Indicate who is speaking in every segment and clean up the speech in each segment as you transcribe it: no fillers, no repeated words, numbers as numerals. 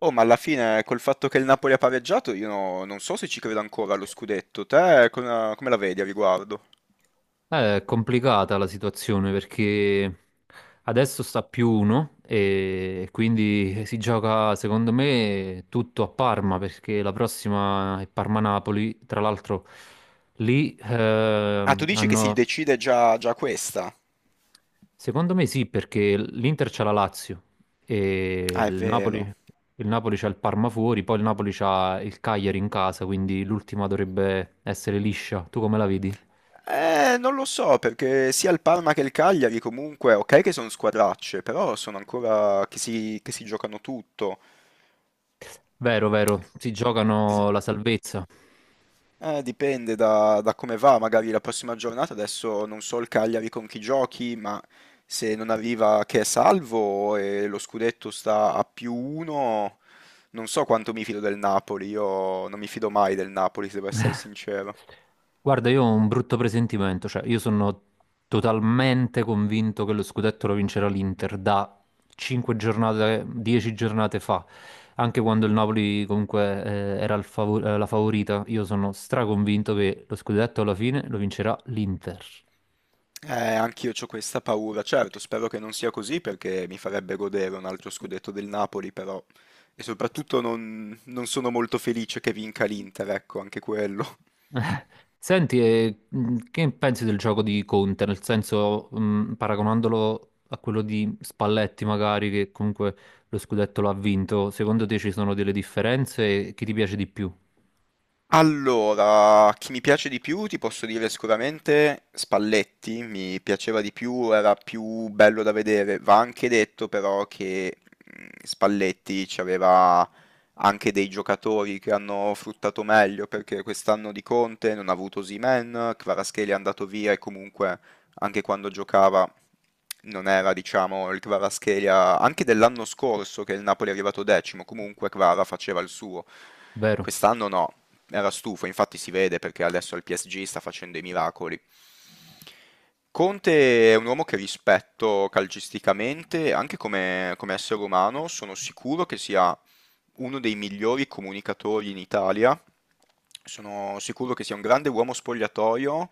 Speaker 1: Oh, ma alla fine, col fatto che il Napoli ha pareggiato, io no- non so se ci credo ancora allo scudetto. Te come la vedi a riguardo?
Speaker 2: È complicata la situazione perché adesso sta più uno e quindi si gioca secondo me tutto a Parma perché la prossima è Parma-Napoli. Tra l'altro lì
Speaker 1: Ah, tu dici che si
Speaker 2: hanno...
Speaker 1: decide già questa?
Speaker 2: Secondo me sì perché l'Inter c'ha la Lazio e
Speaker 1: Ah, è vero.
Speaker 2: il Napoli c'ha il Parma fuori, poi il Napoli c'ha il Cagliari in casa, quindi l'ultima dovrebbe essere liscia. Tu come la vedi?
Speaker 1: Non lo so, perché sia il Parma che il Cagliari comunque, ok che sono squadracce, però sono ancora che si giocano tutto.
Speaker 2: Vero, vero, si
Speaker 1: Es-
Speaker 2: giocano la salvezza.
Speaker 1: Dipende da come va, magari la prossima giornata, adesso non so il Cagliari con chi giochi, ma se non arriva che è salvo e lo scudetto sta a più uno, non so quanto mi fido del Napoli, io non mi fido mai del Napoli, se devo essere sincero.
Speaker 2: Guarda, io ho un brutto presentimento, cioè io sono totalmente convinto che lo scudetto lo vincerà l'Inter da 5 giornate, 10 giornate fa, anche quando il Napoli comunque la favorita, io sono straconvinto che lo scudetto alla fine lo vincerà l'Inter.
Speaker 1: Anch'io ho questa paura, certo, spero che non sia così perché mi farebbe godere un altro scudetto del Napoli, però... E soprattutto non sono molto felice che vinca l'Inter, ecco, anche quello.
Speaker 2: Eh, Senti, che pensi del gioco di Conte? Nel senso, paragonandolo a quello di Spalletti, magari, che comunque lo scudetto l'ha vinto, secondo te ci sono delle differenze e chi ti piace di più?
Speaker 1: Allora, chi mi piace di più ti posso dire sicuramente Spalletti, mi piaceva di più, era più bello da vedere. Va anche detto però che Spalletti ci aveva anche dei giocatori che hanno fruttato meglio perché quest'anno di Conte non ha avuto Osimhen, Kvaratskhelia è andato via e comunque anche quando giocava non era, diciamo, il Kvaratskhelia anche dell'anno scorso che il Napoli è arrivato decimo, comunque Kvara faceva il suo.
Speaker 2: Vero?
Speaker 1: Quest'anno no. Era stufo, infatti si vede perché adesso al PSG sta facendo i miracoli. Conte è un uomo che rispetto calcisticamente, anche come essere umano, sono sicuro che sia uno dei migliori comunicatori in Italia. Sono sicuro che sia un grande uomo spogliatoio.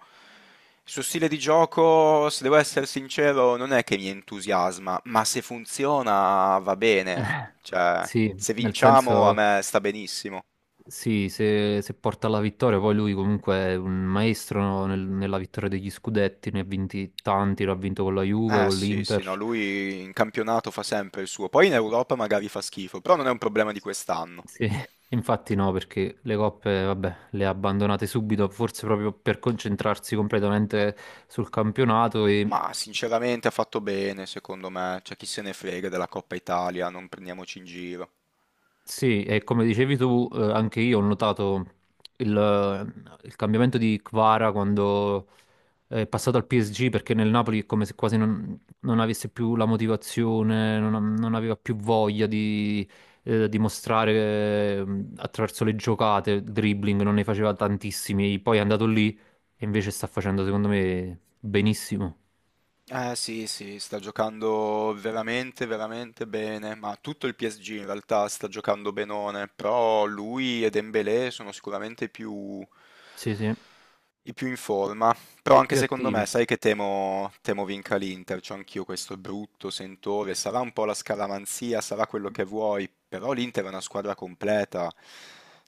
Speaker 1: Il suo stile di gioco, se devo essere sincero, non è che mi entusiasma, ma se funziona va bene.
Speaker 2: Eh,
Speaker 1: Cioè,
Speaker 2: sì,
Speaker 1: se
Speaker 2: nel
Speaker 1: vinciamo a
Speaker 2: senso,
Speaker 1: me sta benissimo.
Speaker 2: sì, se porta alla vittoria, poi lui comunque è un maestro nella vittoria degli scudetti, ne ha vinti tanti, l'ha vinto con la Juve,
Speaker 1: Eh
Speaker 2: con
Speaker 1: sì, sì, no,
Speaker 2: l'Inter.
Speaker 1: lui in campionato fa sempre il suo, poi in Europa magari fa schifo, però non è un problema di quest'anno.
Speaker 2: Sì, infatti no, perché le coppe, vabbè, le ha abbandonate subito, forse proprio per concentrarsi completamente sul campionato e
Speaker 1: Ma sinceramente ha fatto bene, secondo me, c'è chi se ne frega della Coppa Italia, non prendiamoci in giro.
Speaker 2: sì, e come dicevi tu, anche io ho notato il, il cambiamento di Kvara quando è passato al PSG perché nel Napoli è come se quasi non avesse più la motivazione, non aveva più voglia di dimostrare attraverso le giocate, il dribbling, non ne faceva tantissimi. Poi è andato lì e invece sta facendo, secondo me, benissimo.
Speaker 1: Eh sì, sì, sta giocando veramente, veramente bene, ma tutto il PSG in realtà sta giocando benone, però lui e Dembélé sono sicuramente
Speaker 2: Sì, sì,
Speaker 1: i più in forma. Però
Speaker 2: e
Speaker 1: anche
Speaker 2: più
Speaker 1: secondo
Speaker 2: attivi.
Speaker 1: me, sai che temo vinca l'Inter, c'ho anch'io questo brutto sentore, sarà un po' la scaramanzia, sarà quello che vuoi, però l'Inter è una squadra completa,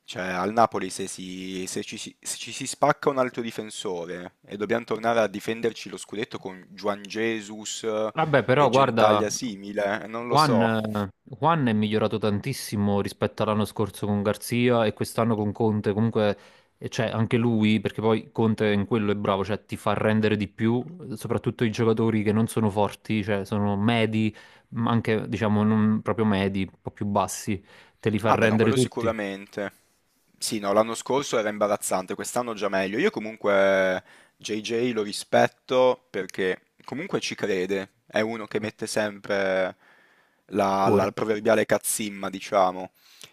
Speaker 1: cioè al Napoli se, si- se ci, si se ci si spacca un altro difensore e dobbiamo tornare a difenderci lo scudetto con Juan Jesus
Speaker 2: Vabbè, però
Speaker 1: e Gentaglia
Speaker 2: guarda,
Speaker 1: simile, non lo
Speaker 2: Juan,
Speaker 1: so.
Speaker 2: eh, Juan è migliorato tantissimo rispetto all'anno scorso con Garzia e quest'anno con Conte. Comunque, cioè, anche lui, perché poi Conte in quello è bravo, cioè ti fa rendere di più, soprattutto i giocatori che non sono forti, cioè sono medi, ma anche diciamo non proprio medi, un po' più bassi, te li fa
Speaker 1: Ah beh, no,
Speaker 2: rendere
Speaker 1: quello
Speaker 2: tutti.
Speaker 1: sicuramente. Sì, no, l'anno scorso era imbarazzante, quest'anno già meglio. Io comunque JJ lo rispetto perché comunque ci crede, è uno che mette sempre
Speaker 2: Il
Speaker 1: la
Speaker 2: cuore.
Speaker 1: proverbiale cazzimma, diciamo.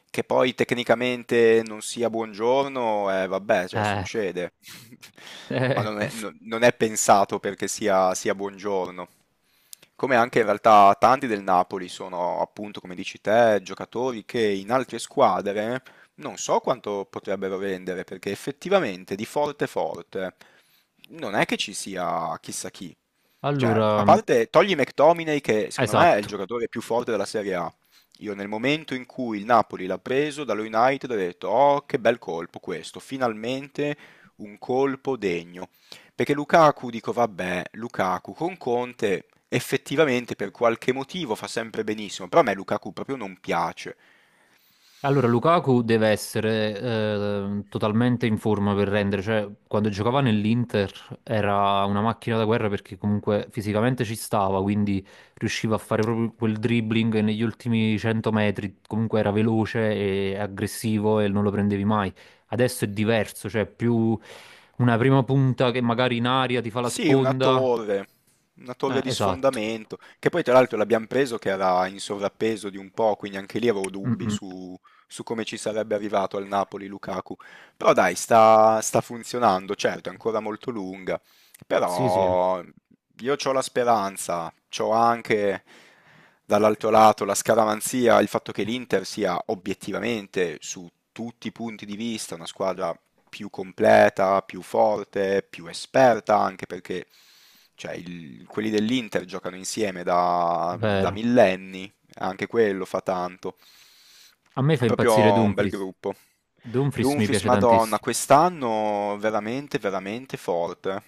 Speaker 1: Che poi tecnicamente non sia buongiorno, vabbè, cioè
Speaker 2: Eh,
Speaker 1: succede. Ma
Speaker 2: eh.
Speaker 1: non è pensato perché sia buongiorno. Come anche in realtà tanti del Napoli sono, appunto, come dici te, giocatori che in altre squadre non so quanto potrebbero vendere, perché effettivamente di forte forte non è che ci sia chissà chi. Cioè, a
Speaker 2: Allora,
Speaker 1: parte togli McTominay, che secondo me è il
Speaker 2: esatto.
Speaker 1: giocatore più forte della Serie A, io nel momento in cui il Napoli l'ha preso dallo United ho detto: "Oh, che bel colpo questo, finalmente un colpo degno". Perché Lukaku dico: "Vabbè, Lukaku con Conte effettivamente per qualche motivo fa sempre benissimo", però a me Lukaku proprio non piace.
Speaker 2: Allora, Lukaku deve essere totalmente in forma per rendere, cioè quando giocava nell'Inter era una macchina da guerra perché comunque fisicamente ci stava, quindi riusciva a fare proprio quel dribbling e negli ultimi 100 metri, comunque era veloce e aggressivo e non lo prendevi mai. Adesso è diverso, cioè è più una prima punta che magari in aria ti fa la
Speaker 1: Sì,
Speaker 2: sponda.
Speaker 1: una torre di
Speaker 2: Esatto.
Speaker 1: sfondamento, che poi tra l'altro l'abbiamo preso che era in sovrappeso di un po', quindi anche lì avevo
Speaker 2: Mm,
Speaker 1: dubbi
Speaker 2: mm.
Speaker 1: su come ci sarebbe arrivato al Napoli Lukaku. Però dai, sta funzionando, certo, è ancora molto lunga,
Speaker 2: Sì, sì,
Speaker 1: però io ho la speranza, ho anche dall'altro lato la scaramanzia, il fatto che l'Inter sia obiettivamente su tutti i punti di vista una squadra più completa, più forte, più esperta, anche perché cioè, quelli dell'Inter giocano insieme da
Speaker 2: vero.
Speaker 1: millenni, anche quello fa tanto.
Speaker 2: A me fa
Speaker 1: È proprio
Speaker 2: impazzire
Speaker 1: un bel
Speaker 2: Dumfries.
Speaker 1: gruppo.
Speaker 2: Dumfries mi
Speaker 1: Dumfries,
Speaker 2: piace
Speaker 1: Madonna,
Speaker 2: tantissimo.
Speaker 1: quest'anno veramente, veramente forte.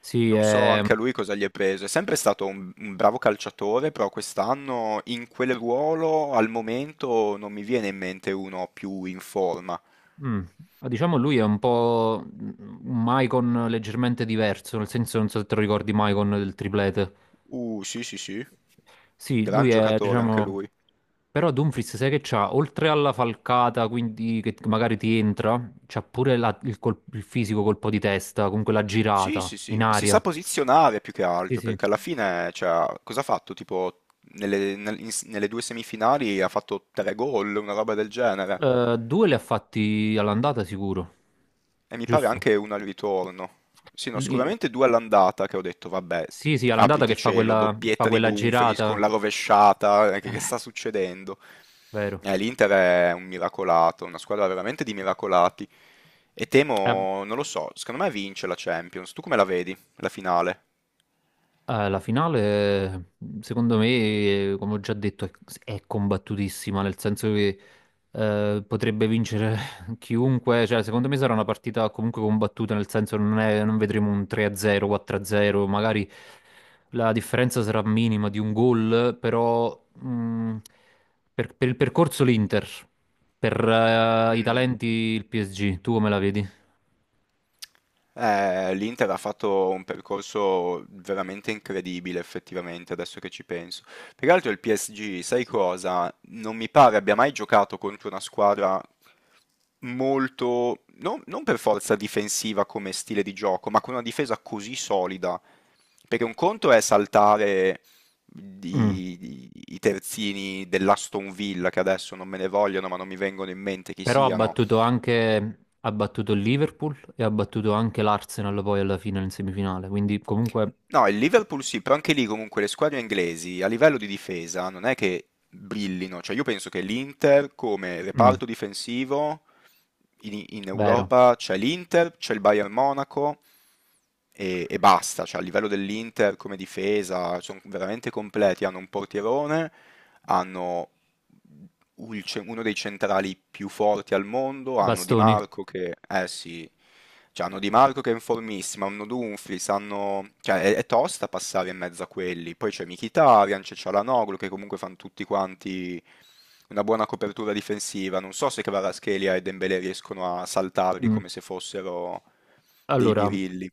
Speaker 2: Sì,
Speaker 1: Non so
Speaker 2: è-
Speaker 1: anche a lui cosa gli è preso. È sempre stato un bravo calciatore, però quest'anno in quel ruolo al momento non mi viene in mente uno più in forma.
Speaker 2: mm, diciamo lui è un po' un Maicon leggermente diverso, nel senso non so se te lo ricordi Maicon del triplete.
Speaker 1: Sì, sì, sì.
Speaker 2: Sì,
Speaker 1: Gran
Speaker 2: lui è,
Speaker 1: giocatore anche
Speaker 2: diciamo,
Speaker 1: lui.
Speaker 2: però Dumfries sai che c'ha, oltre alla falcata, quindi che magari ti entra, c'ha pure il fisico colpo di testa, comunque la
Speaker 1: Sì,
Speaker 2: girata
Speaker 1: sì,
Speaker 2: in
Speaker 1: sì. Si sa
Speaker 2: aria.
Speaker 1: posizionare più che
Speaker 2: Sì,
Speaker 1: altro,
Speaker 2: sì.
Speaker 1: perché alla fine, cioè, cosa ha fatto? Tipo, nelle due semifinali ha fatto tre gol, una roba del genere.
Speaker 2: Due li ha fatti all'andata sicuro,
Speaker 1: E mi pare
Speaker 2: giusto?
Speaker 1: anche uno al ritorno. Sì, no,
Speaker 2: Lì-
Speaker 1: sicuramente due all'andata che ho detto, vabbè,
Speaker 2: Sì, sì, all'andata che
Speaker 1: apriti
Speaker 2: fa
Speaker 1: cielo,
Speaker 2: fa
Speaker 1: doppietta di
Speaker 2: quella
Speaker 1: Dumfries con
Speaker 2: girata,
Speaker 1: la rovesciata, che sta succedendo?
Speaker 2: vero?
Speaker 1: l'Inter è un miracolato, una squadra veramente di miracolati. E
Speaker 2: Eh,
Speaker 1: temo, non lo so, secondo me vince la Champions. Tu come la vedi, la finale?
Speaker 2: la finale, secondo me, come ho già detto, è combattutissima, nel senso che potrebbe vincere chiunque, cioè secondo me sarà una partita comunque combattuta, nel senso non vedremo un 3-0, 4-0, magari la differenza sarà minima di un gol, però per il percorso l'Inter, per i
Speaker 1: Mm.
Speaker 2: talenti il PSG, tu come la vedi?
Speaker 1: l'Inter ha fatto un percorso veramente incredibile, effettivamente, adesso che ci penso. Peraltro il PSG, sai cosa? Non mi pare abbia mai giocato contro una squadra molto, non per forza difensiva come stile di gioco, ma con una difesa così solida. Perché un conto è saltare
Speaker 2: Mm.
Speaker 1: i terzini dell'Aston Villa, che adesso non me ne vogliono, ma non mi vengono in mente chi
Speaker 2: Però ha
Speaker 1: siano.
Speaker 2: battuto ha battuto il Liverpool e ha battuto anche l'Arsenal poi alla fine in semifinale, quindi comunque,
Speaker 1: No, il Liverpool sì, però anche lì comunque le squadre inglesi a livello di difesa non è che brillino, cioè io penso che l'Inter come
Speaker 2: mm,
Speaker 1: reparto difensivo in
Speaker 2: vero,
Speaker 1: Europa c'è l'Inter, c'è il Bayern Monaco e basta, cioè a livello dell'Inter come difesa sono veramente completi, hanno un portierone, hanno uno dei centrali più forti al mondo, hanno Di
Speaker 2: bastoni.
Speaker 1: Marco che, eh sì, cioè, hanno Di Marco che è in formissima, hanno Dumfries, hanno, cioè è tosta passare in mezzo a quelli, poi c'è Mkhitaryan, c'è Çalhanoğlu che comunque fanno tutti quanti una buona copertura difensiva, non so se Kvaratskhelia e Dembélé riescono a saltarli
Speaker 2: Mm.
Speaker 1: come se fossero dei
Speaker 2: Allora,
Speaker 1: birilli.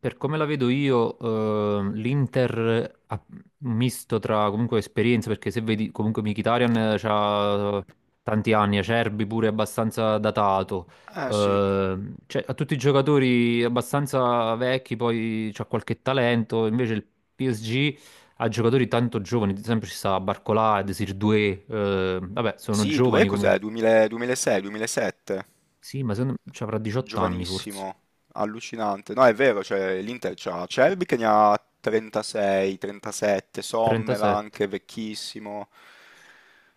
Speaker 2: per come la vedo io, l'Inter ha un misto tra comunque esperienza, perché se vedi comunque Mkhitaryan ha tanti anni, Acerbi pure abbastanza datato,
Speaker 1: Eh sì,
Speaker 2: eh, cioè, ha tutti i giocatori abbastanza vecchi, poi c'ha qualche talento, invece il PSG ha giocatori tanto giovani, ad esempio ci sta Barcolà, Desir Doué, vabbè sono
Speaker 1: sì, due
Speaker 2: giovani
Speaker 1: cos'è?
Speaker 2: comunque,
Speaker 1: 2000 2006, 2007?
Speaker 2: sì ma secondo me ci avrà 18 anni forse,
Speaker 1: Giovanissimo, allucinante. No, è vero, cioè, l'Inter c'ha Cerbi che ne ha 36, 37, Sommer
Speaker 2: 37,
Speaker 1: anche vecchissimo,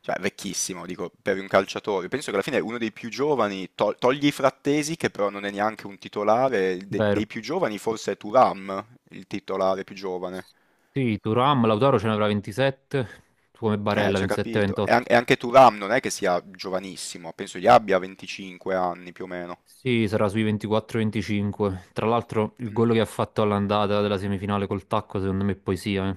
Speaker 1: cioè vecchissimo, dico, per un calciatore. Penso che alla fine è uno dei più giovani, togli i Frattesi, che però non è neanche un titolare,
Speaker 2: vero?
Speaker 1: dei più giovani forse è Thuram, il titolare più giovane.
Speaker 2: Sì, Turam, Lautaro ce ne avrà 27, come Barella
Speaker 1: Ci ha capito. E, an-
Speaker 2: 27-28.
Speaker 1: e anche Thuram non è che sia giovanissimo, penso gli abbia 25 anni più o meno.
Speaker 2: Sì, sarà sui 24-25. Tra l'altro il
Speaker 1: Mm.
Speaker 2: gol che ha fatto all'andata della semifinale col tacco secondo me è poesia, eh.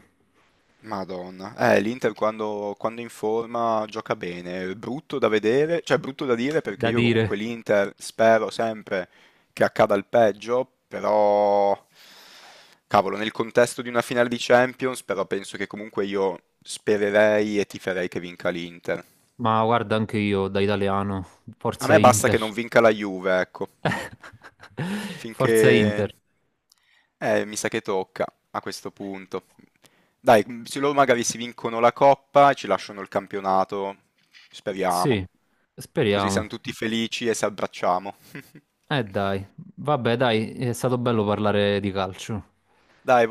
Speaker 1: Madonna, l'Inter quando in forma gioca bene, brutto da vedere, cioè brutto da dire perché
Speaker 2: Da
Speaker 1: io
Speaker 2: dire,
Speaker 1: comunque l'Inter spero sempre che accada il peggio, però cavolo, nel contesto di una finale di Champions, però penso che comunque io spererei e tiferei che vinca l'Inter.
Speaker 2: ma guarda anche io da italiano,
Speaker 1: A
Speaker 2: forza
Speaker 1: me basta che
Speaker 2: Inter.
Speaker 1: non vinca la Juve, ecco. Finché...
Speaker 2: Forza Inter.
Speaker 1: Mi sa che tocca a questo punto. Dai, se loro magari si vincono la coppa, ci lasciano il campionato,
Speaker 2: Sì,
Speaker 1: speriamo. Così
Speaker 2: speriamo.
Speaker 1: siamo tutti felici e si abbracciamo.
Speaker 2: Dai, vabbè dai, è stato bello parlare di calcio.
Speaker 1: Dai,